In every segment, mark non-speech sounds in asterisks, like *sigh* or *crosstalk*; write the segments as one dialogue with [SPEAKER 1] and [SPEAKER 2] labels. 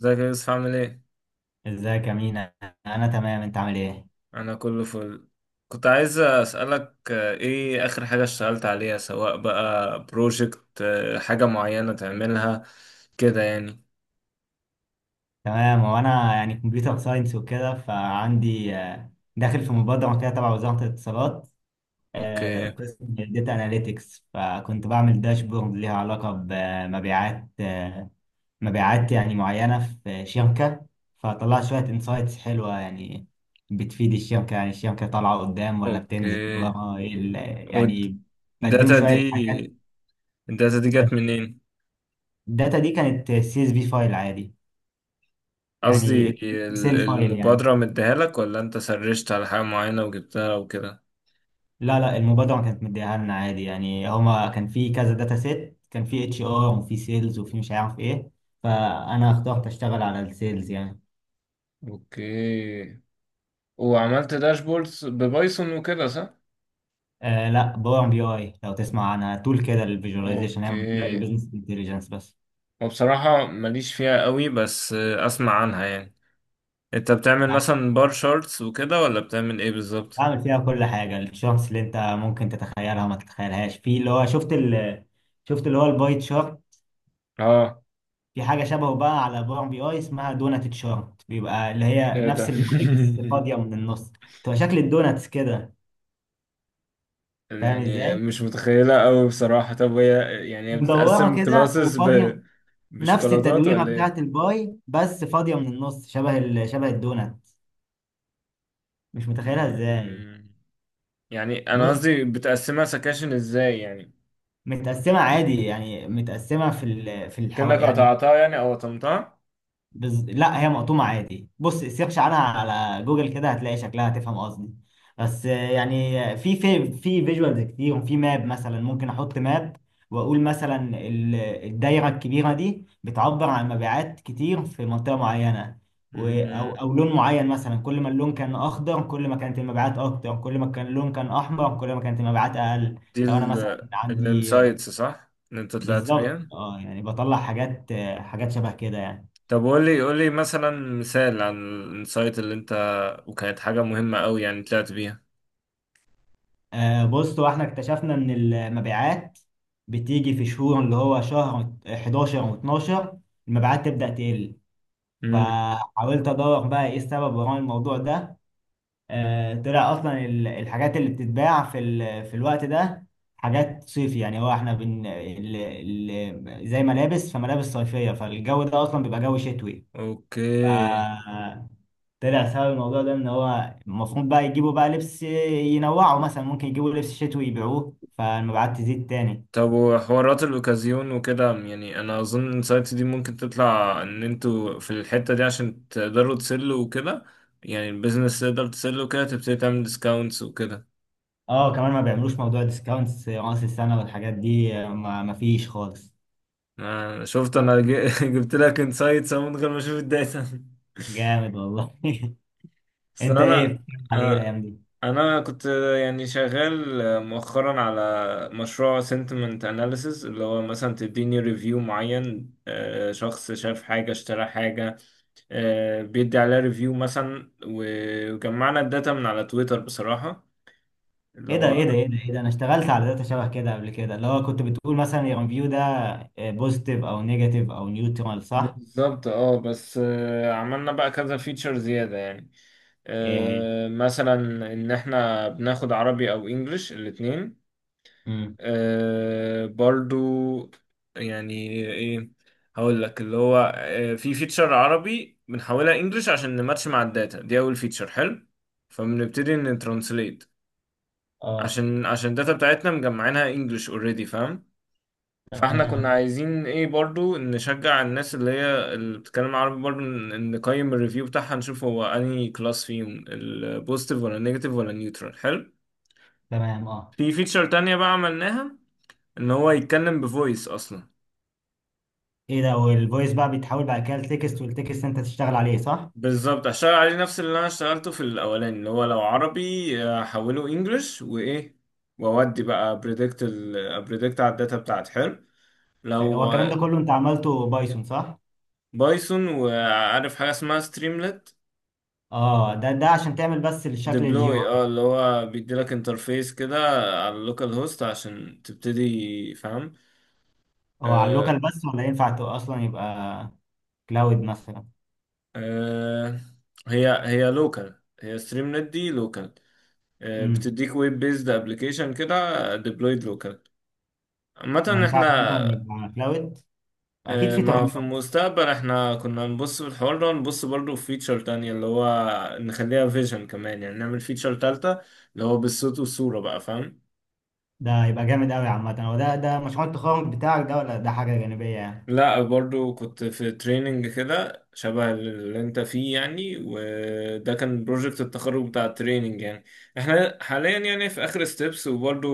[SPEAKER 1] ازيك يا يوسف عامل ايه؟
[SPEAKER 2] ازيك يا مينا. انا تمام، انت عامل ايه؟
[SPEAKER 1] انا كله فل. كنت عايز اسألك ايه اخر حاجة اشتغلت عليها، سواء بقى بروجكت حاجة معينة تعملها كده يعني.
[SPEAKER 2] تمام. وانا يعني كمبيوتر ساينس وكده، فعندي داخل في مبادره كده تبع وزاره الاتصالات.
[SPEAKER 1] اوكي.
[SPEAKER 2] قسم داتا اناليتكس، فكنت بعمل داشبورد ليها علاقه بمبيعات مبيعات يعني معينه في شركه. فطلعت شويه انسايتس حلوه يعني بتفيد الشركه، يعني الشركه طالعه قدام ولا
[SPEAKER 1] اوكي،
[SPEAKER 2] بتنزل ورا. إيه يعني، بديهم
[SPEAKER 1] والداتا
[SPEAKER 2] شويه حاجات.
[SPEAKER 1] دي، الداتا دي جت منين؟
[SPEAKER 2] الداتا دي كانت CSV فايل عادي،
[SPEAKER 1] قصدي
[SPEAKER 2] يعني اكسل فايل يعني.
[SPEAKER 1] المبادرة مديها لك، ولا انت سرشت على حاجة معينة وجبتها وكده؟
[SPEAKER 2] لا، لا، المبادرة كانت مديها لنا عادي، يعني هما كان في كذا داتا سيت، كان في اتش ار وفي سيلز وفي مش عارف ايه. فانا اخترت اشتغل على السيلز يعني.
[SPEAKER 1] اوكي. وعملت داشبوردز ببايثون وكده، صح؟
[SPEAKER 2] آه، لا، باور بي اي، لو تسمع عنها، تول كده للفيجواليزيشن، هي معمولة
[SPEAKER 1] اوكي،
[SPEAKER 2] للبيزنس انتليجنس بس.
[SPEAKER 1] وبصراحة ماليش فيها قوي، بس اسمع عنها يعني. انت بتعمل
[SPEAKER 2] يعني
[SPEAKER 1] مثلا بار شارتس وكده، ولا بتعمل ايه بالظبط؟
[SPEAKER 2] بعمل فيها كل حاجة، الشارتس اللي انت ممكن تتخيلها ما تتخيلهاش. في اللي هو، شفت اللي هو الباي تشارت.
[SPEAKER 1] اه.
[SPEAKER 2] في حاجة شبهه بقى على باور بي اي اسمها دونات شارت، بيبقى اللي هي
[SPEAKER 1] ايه
[SPEAKER 2] نفس
[SPEAKER 1] ده
[SPEAKER 2] الباي بس
[SPEAKER 1] *laughs*
[SPEAKER 2] فاضية من النص. تبقى شكل الدوناتس كده. فاهم
[SPEAKER 1] يعني
[SPEAKER 2] ازاي؟
[SPEAKER 1] مش متخيلة قوي بصراحة. طب هي يعني هي
[SPEAKER 2] مدورة
[SPEAKER 1] بتتقسم
[SPEAKER 2] كده
[SPEAKER 1] كلاسز ب...
[SPEAKER 2] وفاضية. نفس
[SPEAKER 1] بشوكولاتات
[SPEAKER 2] التدويرة
[SPEAKER 1] ولا ايه؟
[SPEAKER 2] بتاعت الباي بس فاضية من النص، شبه الدونات. مش متخيلها ازاي.
[SPEAKER 1] مم. يعني انا
[SPEAKER 2] بص،
[SPEAKER 1] قصدي بتقسمها سكاشن ازاي يعني؟
[SPEAKER 2] متقسمة عادي، يعني متقسمة
[SPEAKER 1] كأنك
[SPEAKER 2] يعني.
[SPEAKER 1] قطعتها يعني او قطمتها.
[SPEAKER 2] لا، هي مقطومة عادي. بص، سيرش عنها على جوجل كده هتلاقي شكلها، هتفهم قصدي. بس يعني في فيجوالز كتير، وفي ماب مثلا ممكن احط ماب، واقول مثلا الدايرة الكبيرة دي بتعبر عن مبيعات كتير في منطقة معينة. او
[SPEAKER 1] مم.
[SPEAKER 2] او لون معين مثلا، كل ما اللون كان اخضر كل ما كانت المبيعات اكتر، كل ما كان اللون كان احمر كل ما كانت المبيعات اقل.
[SPEAKER 1] دي
[SPEAKER 2] لو انا مثلا عندي
[SPEAKER 1] الانسايتس صح اللي انت طلعت
[SPEAKER 2] بالظبط
[SPEAKER 1] بيها؟
[SPEAKER 2] اه، يعني بطلع حاجات، حاجات شبه كده يعني.
[SPEAKER 1] طب قول لي، قول لي مثلا مثال عن الانسايت اللي انت، وكانت حاجة مهمة قوي يعني طلعت بيها.
[SPEAKER 2] بص، هو احنا اكتشفنا ان المبيعات بتيجي في شهور، اللي هو شهر 11 و12 المبيعات تبدأ تقل.
[SPEAKER 1] امم.
[SPEAKER 2] فحاولت ادور بقى ايه السبب وراء الموضوع ده. طلع اصلا الحاجات اللي بتتباع في الوقت ده حاجات صيفي، يعني هو احنا زي ملابس، فملابس صيفية، فالجو ده اصلا بيبقى جو شتوي.
[SPEAKER 1] اوكي
[SPEAKER 2] طلع سبب الموضوع ده ان هو المفروض بقى يجيبوا بقى لبس، ينوعوا مثلا، ممكن يجيبوا لبس شتوي يبيعوه فالمبيعات تزيد تاني.
[SPEAKER 1] طب، وحوارات الاوكازيون وكده، يعني انا اظن الانسايت دي ممكن تطلع ان انتوا في الحتة دي عشان تقدروا تسلوا وكده. يعني البيزنس تقدر تسله، وكده تبتدي تعمل ديسكاونتس وكده.
[SPEAKER 2] اه، كمان ما بيعملوش موضوع ديسكاونتس راس السنة والحاجات دي، ما فيش خالص.
[SPEAKER 1] انا شفت، *laughs* جبت لك انسايتس من غير ما اشوف الداتا.
[SPEAKER 2] جامد والله. *laughs*
[SPEAKER 1] بس
[SPEAKER 2] انت ايه
[SPEAKER 1] انا
[SPEAKER 2] بتتكلم على ايه
[SPEAKER 1] انا
[SPEAKER 2] الايام دي؟
[SPEAKER 1] أنا كنت يعني شغال مؤخرا على مشروع sentiment analysis، اللي هو مثلا تديني ريفيو معين، شخص شاف حاجة، اشترى حاجة، بيدي عليها ريفيو مثلا. وجمعنا الداتا من على تويتر بصراحة، اللي
[SPEAKER 2] ايه ده، ايه
[SPEAKER 1] هو،
[SPEAKER 2] ده، ايه ده، ايه ده! انا اشتغلت على داتا شبه كده قبل كده، اللي هو كنت بتقول مثلا الريفيو ده بوزيتيف او نيجاتيف او نيوترال، صح؟
[SPEAKER 1] بالظبط اه. بس عملنا بقى كذا فيتشر زيادة يعني.
[SPEAKER 2] ايه هي؟
[SPEAKER 1] مثلا ان احنا بناخد عربي او انجليش الاتنين.
[SPEAKER 2] امم.
[SPEAKER 1] آه برضو يعني، ايه، هقول لك. اللي هو في فيتشر عربي بنحولها انجلش عشان نماتش مع الداتا دي. اول فيتشر حلو، فبنبتدي نترانسليت
[SPEAKER 2] اه،
[SPEAKER 1] عشان عشان الداتا بتاعتنا مجمعينها انجلش اوريدي، فاهم. فاحنا كنا
[SPEAKER 2] تمام،
[SPEAKER 1] عايزين ايه برضو، نشجع الناس اللي هي اللي بتتكلم عربي برضو نقيم الريفيو بتاعها، نشوف هو انهي كلاس فيهم، البوزيتيف ولا النيجاتيف ولا نيوترال. حلو.
[SPEAKER 2] تمام، اه.
[SPEAKER 1] في فيتشر تانية بقى عملناها، ان هو يتكلم بفويس اصلا.
[SPEAKER 2] ايه ده! والفويس بقى بيتحول بعد كده لتكست، والتكست انت تشتغل عليه، صح؟
[SPEAKER 1] بالظبط، هشتغل عليه نفس اللي انا اشتغلته في الاولاني، اللي هو لو عربي احوله انجلش، وايه، واودي بقى بريدكت. بريدكت على الداتا بتاعتي. حلو.
[SPEAKER 2] هو
[SPEAKER 1] لو
[SPEAKER 2] الكلام ده كله انت عملته بايثون، صح؟
[SPEAKER 1] بايثون، وعارف حاجه اسمها ستريملت.
[SPEAKER 2] اه، ده عشان تعمل بس الشكل الجي او
[SPEAKER 1] ديبلوي
[SPEAKER 2] اي؟
[SPEAKER 1] اه، اللي هو بيديلك انترفيس كده على اللوكال هوست عشان تبتدي، فاهم.
[SPEAKER 2] هو على
[SPEAKER 1] آه.
[SPEAKER 2] اللوكال بس، ولا ينفع اصلا يبقى كلاود مثلا؟
[SPEAKER 1] آه. هي لوكال، هي ستريملت دي لوكال،
[SPEAKER 2] امم.
[SPEAKER 1] بتديك ويب بيزد ابلكيشن كده ديبلويد لوكال.
[SPEAKER 2] ما
[SPEAKER 1] عامة احنا،
[SPEAKER 2] ينفعش مثلا يبقى كلاود؟ اكيد في
[SPEAKER 1] ما
[SPEAKER 2] تغيير.
[SPEAKER 1] في المستقبل احنا كنا نبص في الحوار ده، ونبص برضه في فيتشر تانية، اللي هو نخليها فيجن كمان، يعني نعمل فيتشر تالتة، اللي هو بالصوت والصورة بقى، فاهم.
[SPEAKER 2] ده هيبقى جامد قوي. عامه هو ده مشروع التخرج بتاعك، ده ولا ده حاجه جانبيه يعني؟
[SPEAKER 1] لا، برضه كنت في تريننج كده شبه اللي انت فيه يعني، وده كان بروجكت التخرج بتاع التريننج يعني. احنا حاليا يعني في اخر ستيبس، وبرضه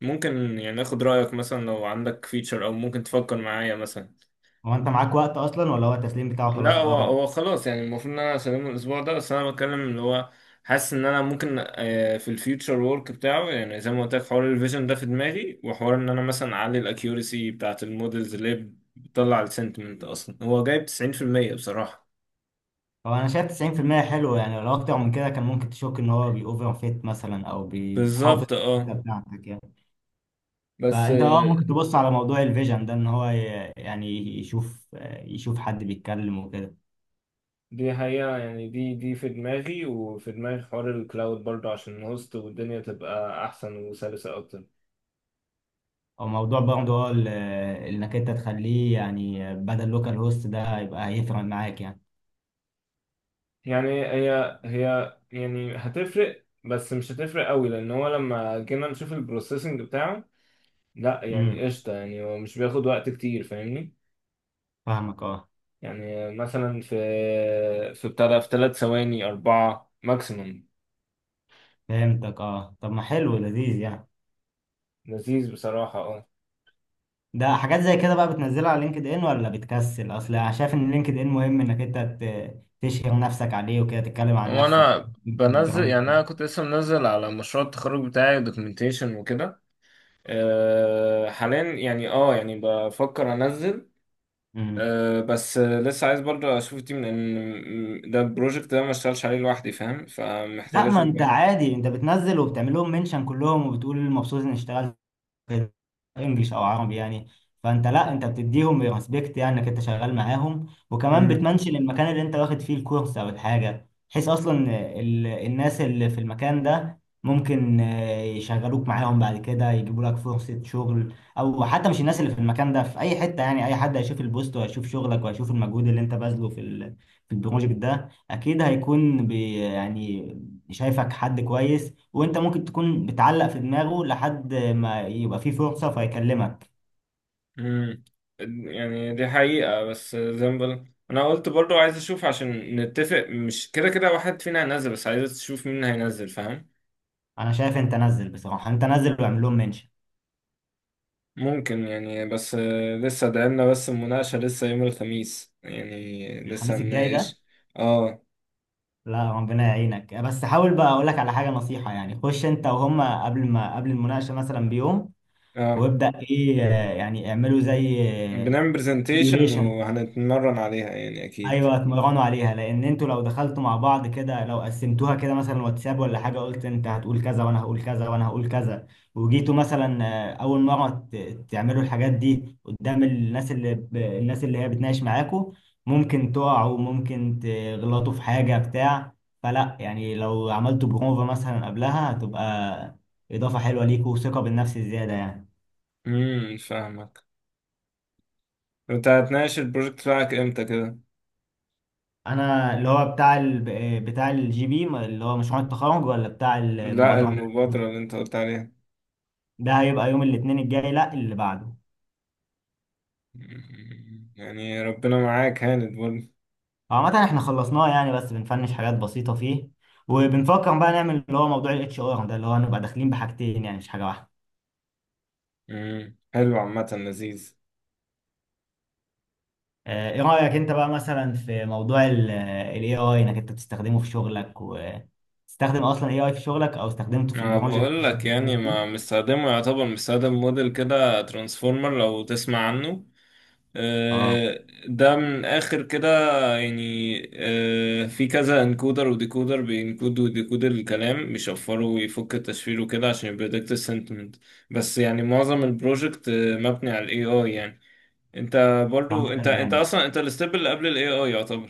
[SPEAKER 1] ممكن يعني ناخد رأيك، مثلا لو عندك فيتشر، او ممكن تفكر معايا مثلا.
[SPEAKER 2] هو انت معاك وقت اصلا، ولا هو التسليم بتاعه
[SPEAKER 1] لا،
[SPEAKER 2] خلاص؟
[SPEAKER 1] هو
[SPEAKER 2] اه.
[SPEAKER 1] هو خلاص يعني، المفروض ان انا اسلمه الاسبوع ده، بس انا بتكلم اللي هو، حاسس ان انا ممكن في الفيوتشر وورك بتاعه، يعني زي ما قلت لك، حوار الفيجن ده في دماغي، وحوار ان انا مثلا اعلي الاكيورسي بتاعت المودلز، اللي هي بتطلع السنتمنت اصلا. هو جايب 90% بصراحة.
[SPEAKER 2] هو انا شايف 90% حلو، يعني لو اكتر من كده كان ممكن تشك ان هو بيوفر فيت مثلا، او بيحافظ
[SPEAKER 1] بالظبط اه.
[SPEAKER 2] على بتاعتك يعني.
[SPEAKER 1] بس
[SPEAKER 2] فانت اه، ممكن تبص على موضوع الفيجن ده، ان هو يعني يشوف، يشوف حد بيتكلم وكده.
[SPEAKER 1] دي حقيقة يعني، دي في دماغي، وفي دماغي حوار الكلاود برضه، عشان الهوست والدنيا تبقى احسن وسلسة اكتر.
[SPEAKER 2] او موضوع برضه، هو انك انت تخليه يعني، بدل لوكال هوست ده، يبقى هيفرق معاك يعني.
[SPEAKER 1] يعني هي يعني هتفرق، بس مش هتفرق قوي، لان هو لما جينا نشوف البروسيسنج بتاعه، لا
[SPEAKER 2] امم،
[SPEAKER 1] يعني قشطه يعني، هو مش بياخد وقت كتير، فاهمني.
[SPEAKER 2] فاهمك اه.
[SPEAKER 1] يعني مثلا في بتاع ده في ثلاث ثواني، اربعه ماكسيموم.
[SPEAKER 2] فهمتك اه. طب ما حلو، لذيذ يعني.
[SPEAKER 1] لذيذ بصراحه اه.
[SPEAKER 2] ده حاجات زي كده بقى بتنزلها على لينكد ان ولا بتكسل؟ اصل انا شايف ان لينكد ان مهم انك انت تشهر نفسك عليه، وكده تتكلم عن نفسك.
[SPEAKER 1] وانا بنزل يعني،
[SPEAKER 2] البراندنج.
[SPEAKER 1] انا كنت لسه منزل على مشروع التخرج بتاعي دوكيومنتيشن وكده. حاليا يعني اه، يعني بفكر انزل.
[SPEAKER 2] امم.
[SPEAKER 1] أه، بس لسه عايز برضه اشوف التيم، لان ده البروجكت ده ما اشتغلش عليه لوحدي، فاهم، فمحتاج
[SPEAKER 2] لا، ما
[SPEAKER 1] اشوف
[SPEAKER 2] انت
[SPEAKER 1] بقى.
[SPEAKER 2] عادي، انت بتنزل وبتعمل لهم منشن كلهم، وبتقول مبسوط اني اشتغلت في انجليش او عربي يعني. فانت، لا، انت بتديهم ريسبكت يعني انك انت شغال معاهم. وكمان
[SPEAKER 1] امم.
[SPEAKER 2] بتمنشن المكان اللي انت واخد فيه الكورس او الحاجه، بحيث اصلا الناس اللي في المكان ده ممكن يشغلوك معاهم بعد كده، يجيبوا لك فرصه شغل، او حتى مش الناس اللي في المكان ده، في اي حته يعني، اي حد هيشوف البوست وهيشوف شغلك وهيشوف المجهود اللي انت باذله في البروجكت ده، اكيد هيكون يعني شايفك حد كويس. وانت ممكن تكون بتعلق في دماغه لحد ما يبقى فيه فرصة فيكلمك.
[SPEAKER 1] امم. يعني دي حقيقة، بس زي ما بقول انا قلت برضه عايز اشوف عشان نتفق، مش كده كده واحد فينا هينزل، بس عايز تشوف مين هينزل، فاهم.
[SPEAKER 2] انا شايف انت نزل بصراحة، انت نزل واعمل لهم منشن.
[SPEAKER 1] ممكن يعني، بس لسه ده لنا، بس المناقشة لسه يوم الخميس يعني، لسه
[SPEAKER 2] الخميس الجاي ده؟
[SPEAKER 1] هنناقش. اه.
[SPEAKER 2] لا، ربنا يعينك. بس حاول بقى، اقول لك على حاجة نصيحة يعني، خش انت وهم قبل ما قبل المناقشة مثلا بيوم،
[SPEAKER 1] اه.
[SPEAKER 2] وابدأ ايه، يعني اعملوا زي
[SPEAKER 1] بنعمل برزنتيشن
[SPEAKER 2] سيميوليشن.
[SPEAKER 1] وهنتمرن عليها يعني، اكيد.
[SPEAKER 2] ايوه، اتمرنوا عليها، لان انتوا لو دخلتوا مع بعض كده، لو قسمتوها كده مثلا، واتساب ولا حاجه، قلت انت هتقول كذا وانا هقول كذا وانا هقول كذا، وجيتوا مثلا اول مره تعملوا الحاجات دي قدام الناس الناس اللي هي بتناقش معاكوا، ممكن تقعوا، ممكن تغلطوا في حاجه بتاع. فلا يعني، لو عملتوا بروفا مثلا قبلها، هتبقى اضافه حلوه ليكوا وثقه بالنفس زياده يعني.
[SPEAKER 1] امم، فاهمك. انت هتناقش البروجكت بتاعك امتى كده؟
[SPEAKER 2] انا اللي هو بتاع الجي بي، اللي هو مشروع التخرج، ولا بتاع
[SPEAKER 1] لا،
[SPEAKER 2] المبادره؟
[SPEAKER 1] المبادرة اللي انت قلت عليها.
[SPEAKER 2] ده هيبقى يوم الاثنين الجاي، لا اللي بعده.
[SPEAKER 1] مم. يعني ربنا معاك، هاند برضه.
[SPEAKER 2] عامة احنا خلصناه يعني، بس بنفنش حاجات بسيطة فيه، وبنفكر بقى نعمل اللي هو موضوع الاتش ار ده، اللي هو نبقى داخلين بحاجتين يعني، مش حاجة واحدة.
[SPEAKER 1] مم. حلو، عامة لذيذ.
[SPEAKER 2] ايه رأيك انت بقى مثلا في موضوع الاي اي، انك انت بتستخدمه في شغلك، وتستخدم اصلا اي اي في شغلك، او استخدمته في
[SPEAKER 1] انا
[SPEAKER 2] البروجكت
[SPEAKER 1] بقول
[SPEAKER 2] اللي
[SPEAKER 1] لك
[SPEAKER 2] انت
[SPEAKER 1] يعني،
[SPEAKER 2] شغال فيه؟
[SPEAKER 1] ما مستخدمه، يعتبر مستخدم موديل كده ترانسفورمر، لو تسمع عنه.
[SPEAKER 2] اه،
[SPEAKER 1] ده من اخر كده يعني. في كذا انكودر وديكودر، بينكود وديكود الكلام، بيشفره ويفك التشفير وكده، عشان يبريدكت السنتمنت. بس يعني معظم البروجكت مبني على الاي اي يعني. انت برضو،
[SPEAKER 2] عامة
[SPEAKER 1] انت
[SPEAKER 2] كان
[SPEAKER 1] انت
[SPEAKER 2] جامد.
[SPEAKER 1] اصلا، انت الستيب اللي قبل الاي اي يعتبر.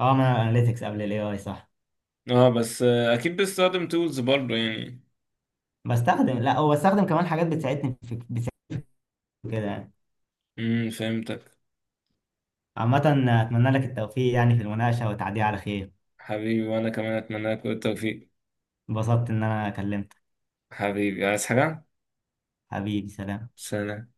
[SPEAKER 2] اه، انا اناليتكس قبل الاي اي، صح؟
[SPEAKER 1] اه بس اكيد بتستخدم تولز برضو يعني.
[SPEAKER 2] بستخدم، لا، هو بستخدم كمان حاجات بتساعدني كده يعني.
[SPEAKER 1] امم، فهمتك.
[SPEAKER 2] عامة، اتمنى لك التوفيق يعني في المناقشة، والتعدي على خير.
[SPEAKER 1] حبيبي، وانا كمان اتمنى لك كل التوفيق.
[SPEAKER 2] انبسطت ان انا كلمتك.
[SPEAKER 1] حبيبي، عايز حاجة؟
[SPEAKER 2] حبيبي، سلام.
[SPEAKER 1] سلام.